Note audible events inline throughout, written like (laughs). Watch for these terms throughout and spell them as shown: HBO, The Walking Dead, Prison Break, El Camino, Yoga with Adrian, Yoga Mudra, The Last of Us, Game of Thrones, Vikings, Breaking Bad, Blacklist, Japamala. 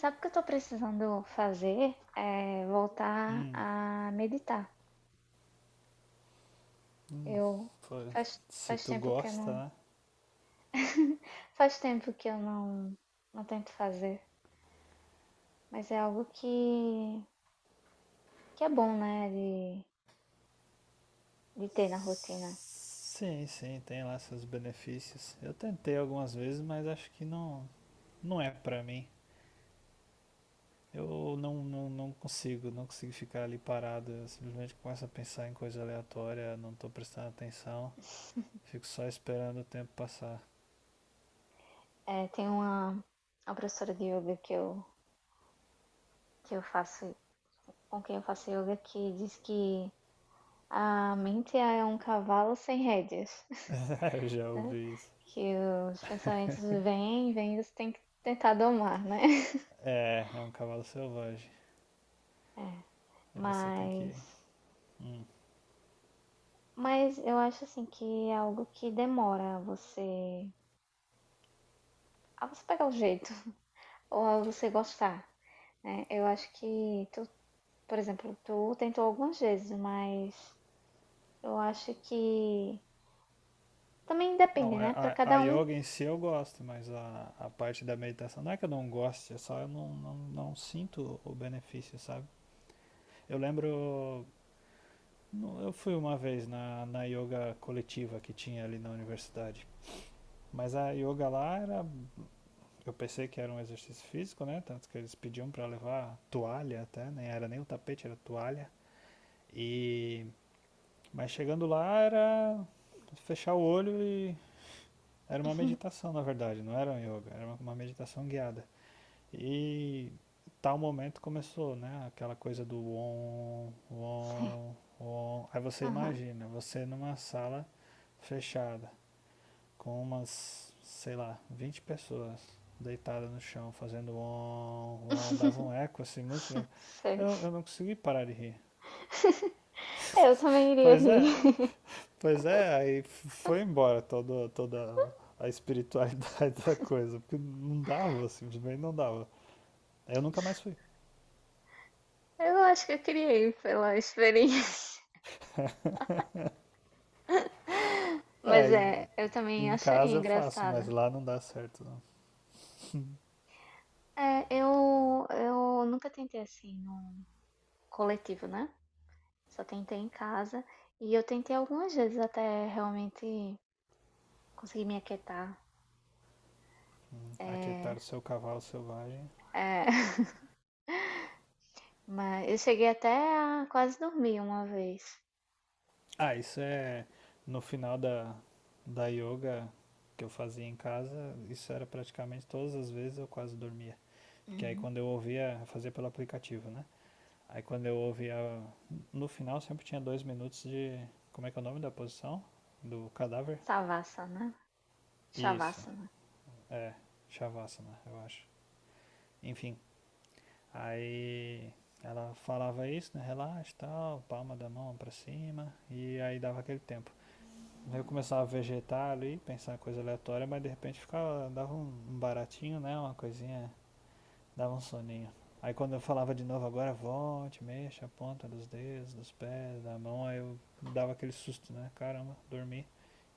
Sabe o que eu estou precisando fazer? É voltar Hum, a meditar. hum, Eu pô, faz, se faz tu tempo que eu gosta, não né? (laughs) Faz tempo que eu não tento fazer, mas é algo que é bom, né, de, ter na rotina. Sim, sim, tem lá seus benefícios. Eu tentei algumas vezes, mas acho que não, não é pra mim. Eu não consigo ficar ali parado. Eu simplesmente começo a pensar em coisa aleatória, não tô prestando atenção. (laughs) Fico só esperando o tempo passar. É, tem uma professora de yoga que eu faço com quem eu faço yoga que diz que a mente é um cavalo sem rédeas, (laughs) Eu (laughs) já né? ouvi isso. Que os pensamentos vêm, vêm, e você tem que tentar domar, né? (laughs) É um cavalo selvagem. Aí você tem que. Mas, hum, mas eu acho assim que é algo que demora a você pegar o jeito (laughs) ou a você gostar, né? Eu acho que tu, por exemplo, tu tentou algumas vezes, mas eu acho que também Não, depende, né? Para a cada um. yoga em si eu gosto, mas a parte da meditação não é que eu não goste, é só eu não sinto o benefício, sabe? Eu lembro, não, eu fui uma vez na yoga coletiva que tinha ali na universidade, mas a yoga lá era, eu pensei que era um exercício físico, né? Tanto que eles pediam pra levar toalha até, nem era nem o tapete, era toalha. E, mas chegando lá era fechar o olho e era uma (laughs) meditação, na verdade, não era um yoga, era uma meditação guiada. E tal momento começou, né? Aquela coisa do on, Sei. on, on. Aí você Aham, imagina, você numa sala fechada, com umas, sei lá, 20 pessoas deitadas no chão, fazendo on, on, dava um eco assim, muito legal. sei. Eu não consegui parar de rir. (laughs) Eu também iria Pois é, rir. pois é, aí foi embora toda a espiritualidade (laughs) da coisa, porque não dava, simplesmente não dava. Eu nunca mais fui. (laughs) Eu acho que eu criei pela experiência. (laughs) Mas É, é, e- eu e também em acharia casa eu faço, mas engraçado. lá não dá certo. Não. É, eu nunca tentei assim no coletivo, né? Só tentei em casa. E eu tentei algumas vezes até realmente conseguir me aquietar. Aquietar É, o seu cavalo selvagem. é, (laughs) mas eu cheguei até a quase dormir uma vez. Ah, isso é no final da yoga que eu fazia em casa, isso era praticamente todas as vezes eu quase dormia. Porque aí Uhum. quando eu ouvia, eu fazia pelo aplicativo, né? Aí quando eu ouvia, no final sempre tinha 2 minutos de, como é que é o nome da posição? Do cadáver? Savasana, Isso, Shavasana. é, Shavasana, eu acho. Enfim, aí ela falava isso, né? Relaxa, tal, palma da mão pra cima, e aí dava aquele tempo. Eu começava a vegetar ali, pensar em coisa aleatória, mas de repente ficava, dava um baratinho, né? Uma coisinha, dava um soninho. Aí quando eu falava de novo agora, volte, mexa a ponta dos dedos, dos pés, da mão, aí eu dava aquele susto, né? Caramba, dormi.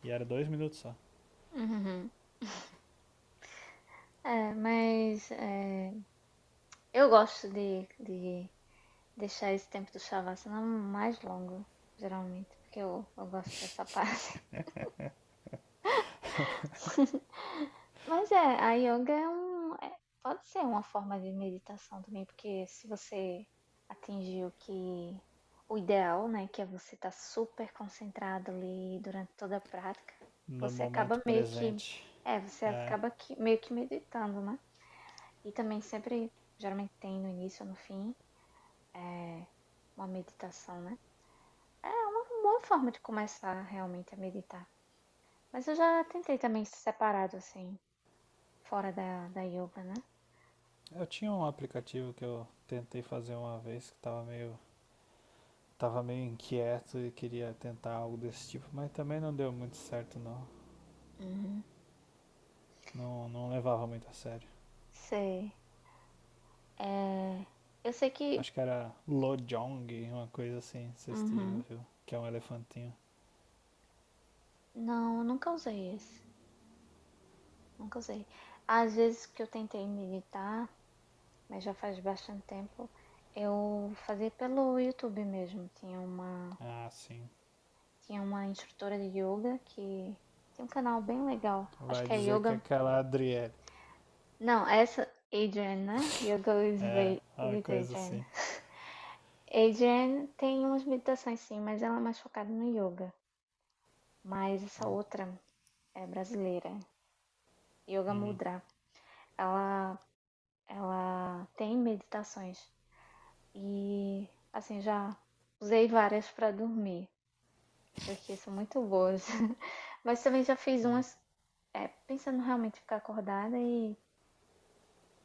E era 2 minutos só. Uhum. É, mas é, eu gosto de deixar esse tempo do Shavasana mais longo, geralmente, porque eu gosto dessa (laughs) parte. (laughs) Mas é, a yoga pode ser uma forma de meditação também, porque se você atingir o que o ideal, né, que é você estar super concentrado ali durante toda a prática, No você momento acaba meio que, presente. Você É, acaba que, meio que meditando, né? E também sempre, geralmente tem no início ou no fim, é, uma meditação, né? É uma boa forma de começar realmente a meditar. Mas eu já tentei também separado, assim. Fora da yoga, né? eu tinha um aplicativo que eu tentei fazer uma vez que tava meio inquieto e queria tentar algo desse tipo, mas também não deu muito certo não. Uhum. Não, não levava muito a sério. Sei. É, eu sei que. Acho que era Lojong, uma coisa assim, não sei se tu já Uhum. viu, que é um elefantinho. Não, eu nunca usei esse. Nunca usei. Às vezes que eu tentei meditar, mas já faz bastante tempo, eu fazia pelo YouTube mesmo. Tinha uma, Ah, sim. tinha uma instrutora de yoga que tem um canal bem legal. Acho Vai que é dizer que é Yoga. aquela Adriele. Não, é essa Adrian, né? Yoga with, É, uma with coisa Adrian. assim. Adrian tem umas meditações sim, mas ela é mais focada no yoga. Mas essa outra é brasileira, Yoga Hum, Mudra. Ela, ela tem meditações e assim já usei várias para dormir, porque são muito boas. (laughs) Mas também já fiz hum, umas pensando realmente ficar acordada e,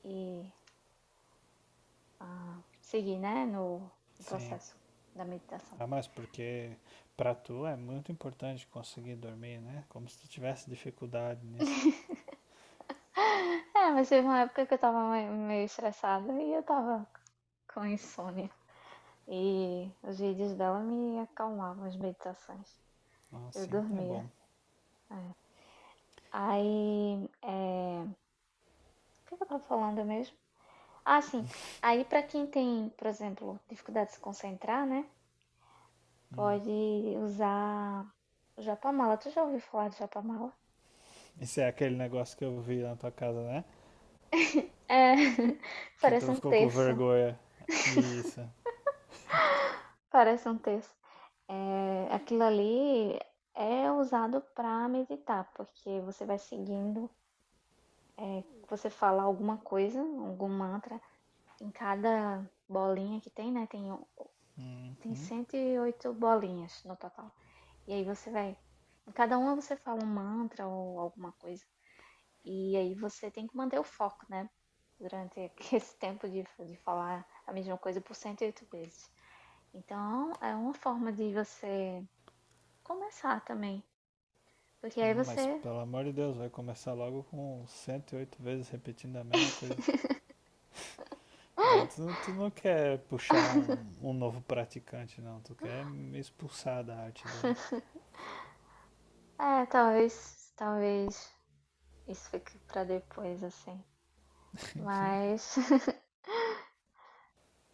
e ah, seguir, né, no sim. processo da meditação. Ah, mas porque pra tu é muito importante conseguir dormir, né? Como se tu tivesse dificuldade nisso. É, mas teve uma época que eu tava meio estressada e eu tava com insônia. E os vídeos dela me acalmavam as meditações. Ah, Eu sim, é dormia. bom. Aí, o que eu tava falando mesmo? Ah, sim. Aí, pra quem tem, por exemplo, dificuldade de se concentrar, né? Hum. Pode usar o Japamala. Tu já ouviu falar de Japamala? Isso é aquele negócio que eu vi na tua casa, né? É, (laughs) Que parece tu um ficou com terço. vergonha. Isso. Parece um terço. É, aquilo ali é usado pra meditar, porque você vai seguindo, é, você fala alguma coisa, algum mantra em cada bolinha que tem, né? Tem Uhum. 108 bolinhas no total. E aí você vai. Em cada uma você fala um mantra ou alguma coisa. E aí você tem que manter o foco, né? Durante (laughs) esse tempo de falar a mesma coisa por 108 vezes. Então é uma forma de você começar também. Porque aí Mas você. pelo amor de Deus, vai começar logo com 108 vezes repetindo a mesma coisa. Aí tu não quer puxar um novo praticante, não. Tu quer me expulsar da arte da. É, talvez. Talvez isso fique pra depois, assim. Mas. (laughs)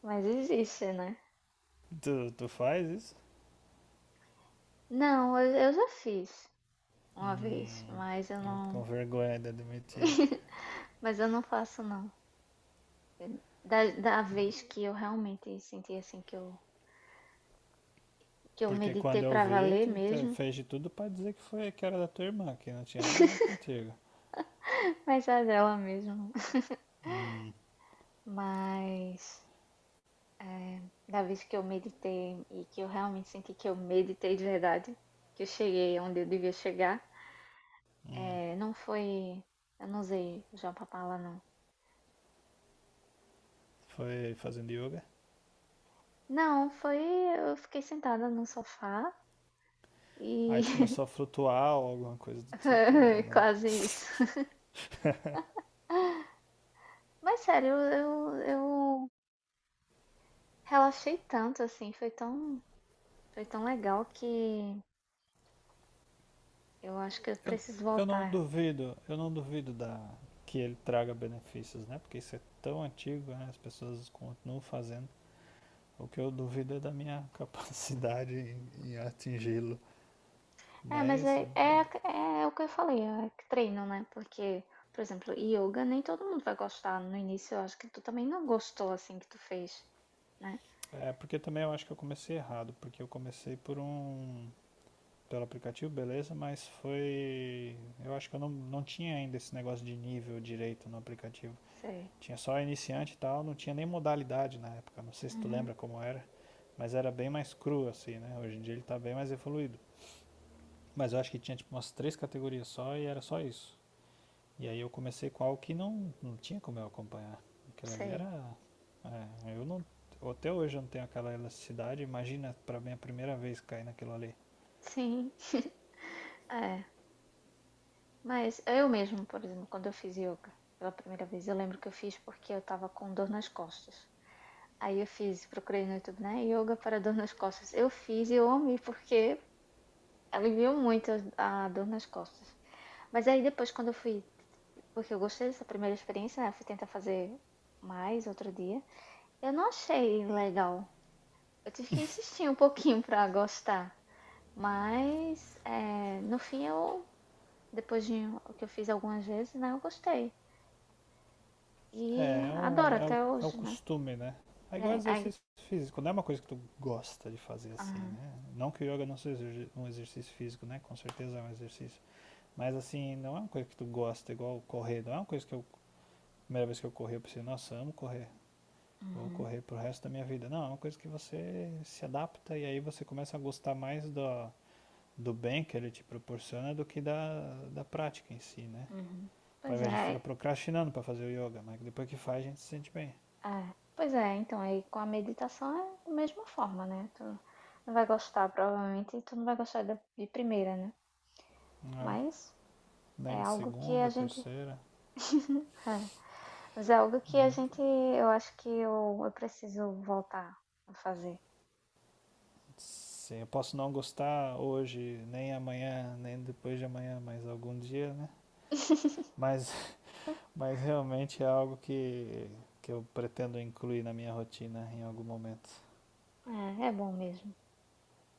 mas existe, né? Tu faz isso? Não, eu já fiz uma vez, Hum, mas eu não. com vergonha de admitir, (laughs) Mas eu não faço, não. Da né? vez que eu realmente senti assim que eu Porque meditei quando eu pra vi, valer tu mesmo, fez de tudo pra dizer que foi que era da tua irmã, que não tinha nada a ver (laughs) contigo. mas é dela mesmo. Hum, Mas é, da vez que eu meditei e que eu realmente senti que eu meditei de verdade, que eu cheguei onde eu devia chegar, hum. é, não foi. Eu não usei o Japapala, não. Foi fazendo yoga? Não, foi. Eu fiquei sentada no sofá Aí tu e. começou a flutuar ou alguma coisa do tipo, ou (laughs) não. quase isso. Mas sério, eu relaxei tanto, assim, foi tão legal que eu acho que eu Eu, preciso eu não voltar. duvido, eu não duvido da, que ele traga benefícios, né? Porque isso é tão antigo, né? As pessoas continuam fazendo. O que eu duvido é da minha (laughs) capacidade em atingi-lo. É, mas é Mas é é o que eu falei, é que treino, né, porque, por exemplo, yoga nem todo mundo vai gostar no início, eu acho que tu também não gostou, assim, que tu fez, né. é porque também eu acho que eu comecei errado, porque eu comecei por um pelo aplicativo, beleza, mas foi eu acho que eu não tinha ainda esse negócio de nível direito no aplicativo. Sei. Tinha só iniciante e tal, não tinha nem modalidade na época. Não sei se tu Uhum. lembra como era, mas era bem mais cru assim, né? Hoje em dia ele tá bem mais evoluído. Mas eu acho que tinha tipo umas três categorias só e era só isso. E aí eu comecei com algo que não tinha como eu acompanhar. Aquilo ali Sei. era. É, eu não. Até hoje eu não tenho aquela elasticidade. Imagina pra mim a primeira vez cair naquilo ali. Sim. (laughs) É, mas eu mesmo, por exemplo, quando eu fiz yoga pela primeira vez, eu lembro que eu fiz porque eu estava com dor nas costas. Aí eu fiz, procurei no YouTube, né? Yoga para dor nas costas. Eu fiz e eu amei, porque aliviou muito a dor nas costas. Mas aí depois, quando eu fui, porque eu gostei dessa primeira experiência, né? Eu fui tentar fazer mais outro dia. Eu não achei legal. Eu tive que insistir um pouquinho pra gostar. Mas é, no fim eu, depois de o que eu fiz algumas vezes, né? Eu gostei. E É, é, adoro um, é, até o, é o hoje, né? costume, né? É igual É, aí. exercício físico, não é uma coisa que tu gosta de fazer assim, Aham, né? Não que o yoga não seja um exercício físico, né? Com certeza é um exercício. Mas assim, não é uma coisa que tu gosta, igual correr. Não é uma coisa que eu, a primeira vez que eu corri, eu pensei, nossa, amo correr. Vou uhum, correr pro resto da minha vida. Não, é uma coisa que você se adapta e aí você começa a gostar mais do bem que ele te proporciona do que da prática em si, né? uhum. Pois Aí a gente fica é. procrastinando para fazer o yoga, mas depois que faz a gente se sente bem. É, pois é, então aí com a meditação é da mesma forma, né? Tu não vai gostar, provavelmente, e tu não vai gostar de primeira, né? Ah, Mas é nem de algo que a segunda, gente. terceira. (laughs) É, mas é algo que a Uhum. gente. Eu acho que eu preciso voltar a fazer. Sim, eu posso não gostar hoje, nem amanhã, nem depois de amanhã, mas algum dia, né? (laughs) Mas, (laughs) mas realmente é algo que eu pretendo incluir na minha rotina em algum momento. É, é bom mesmo.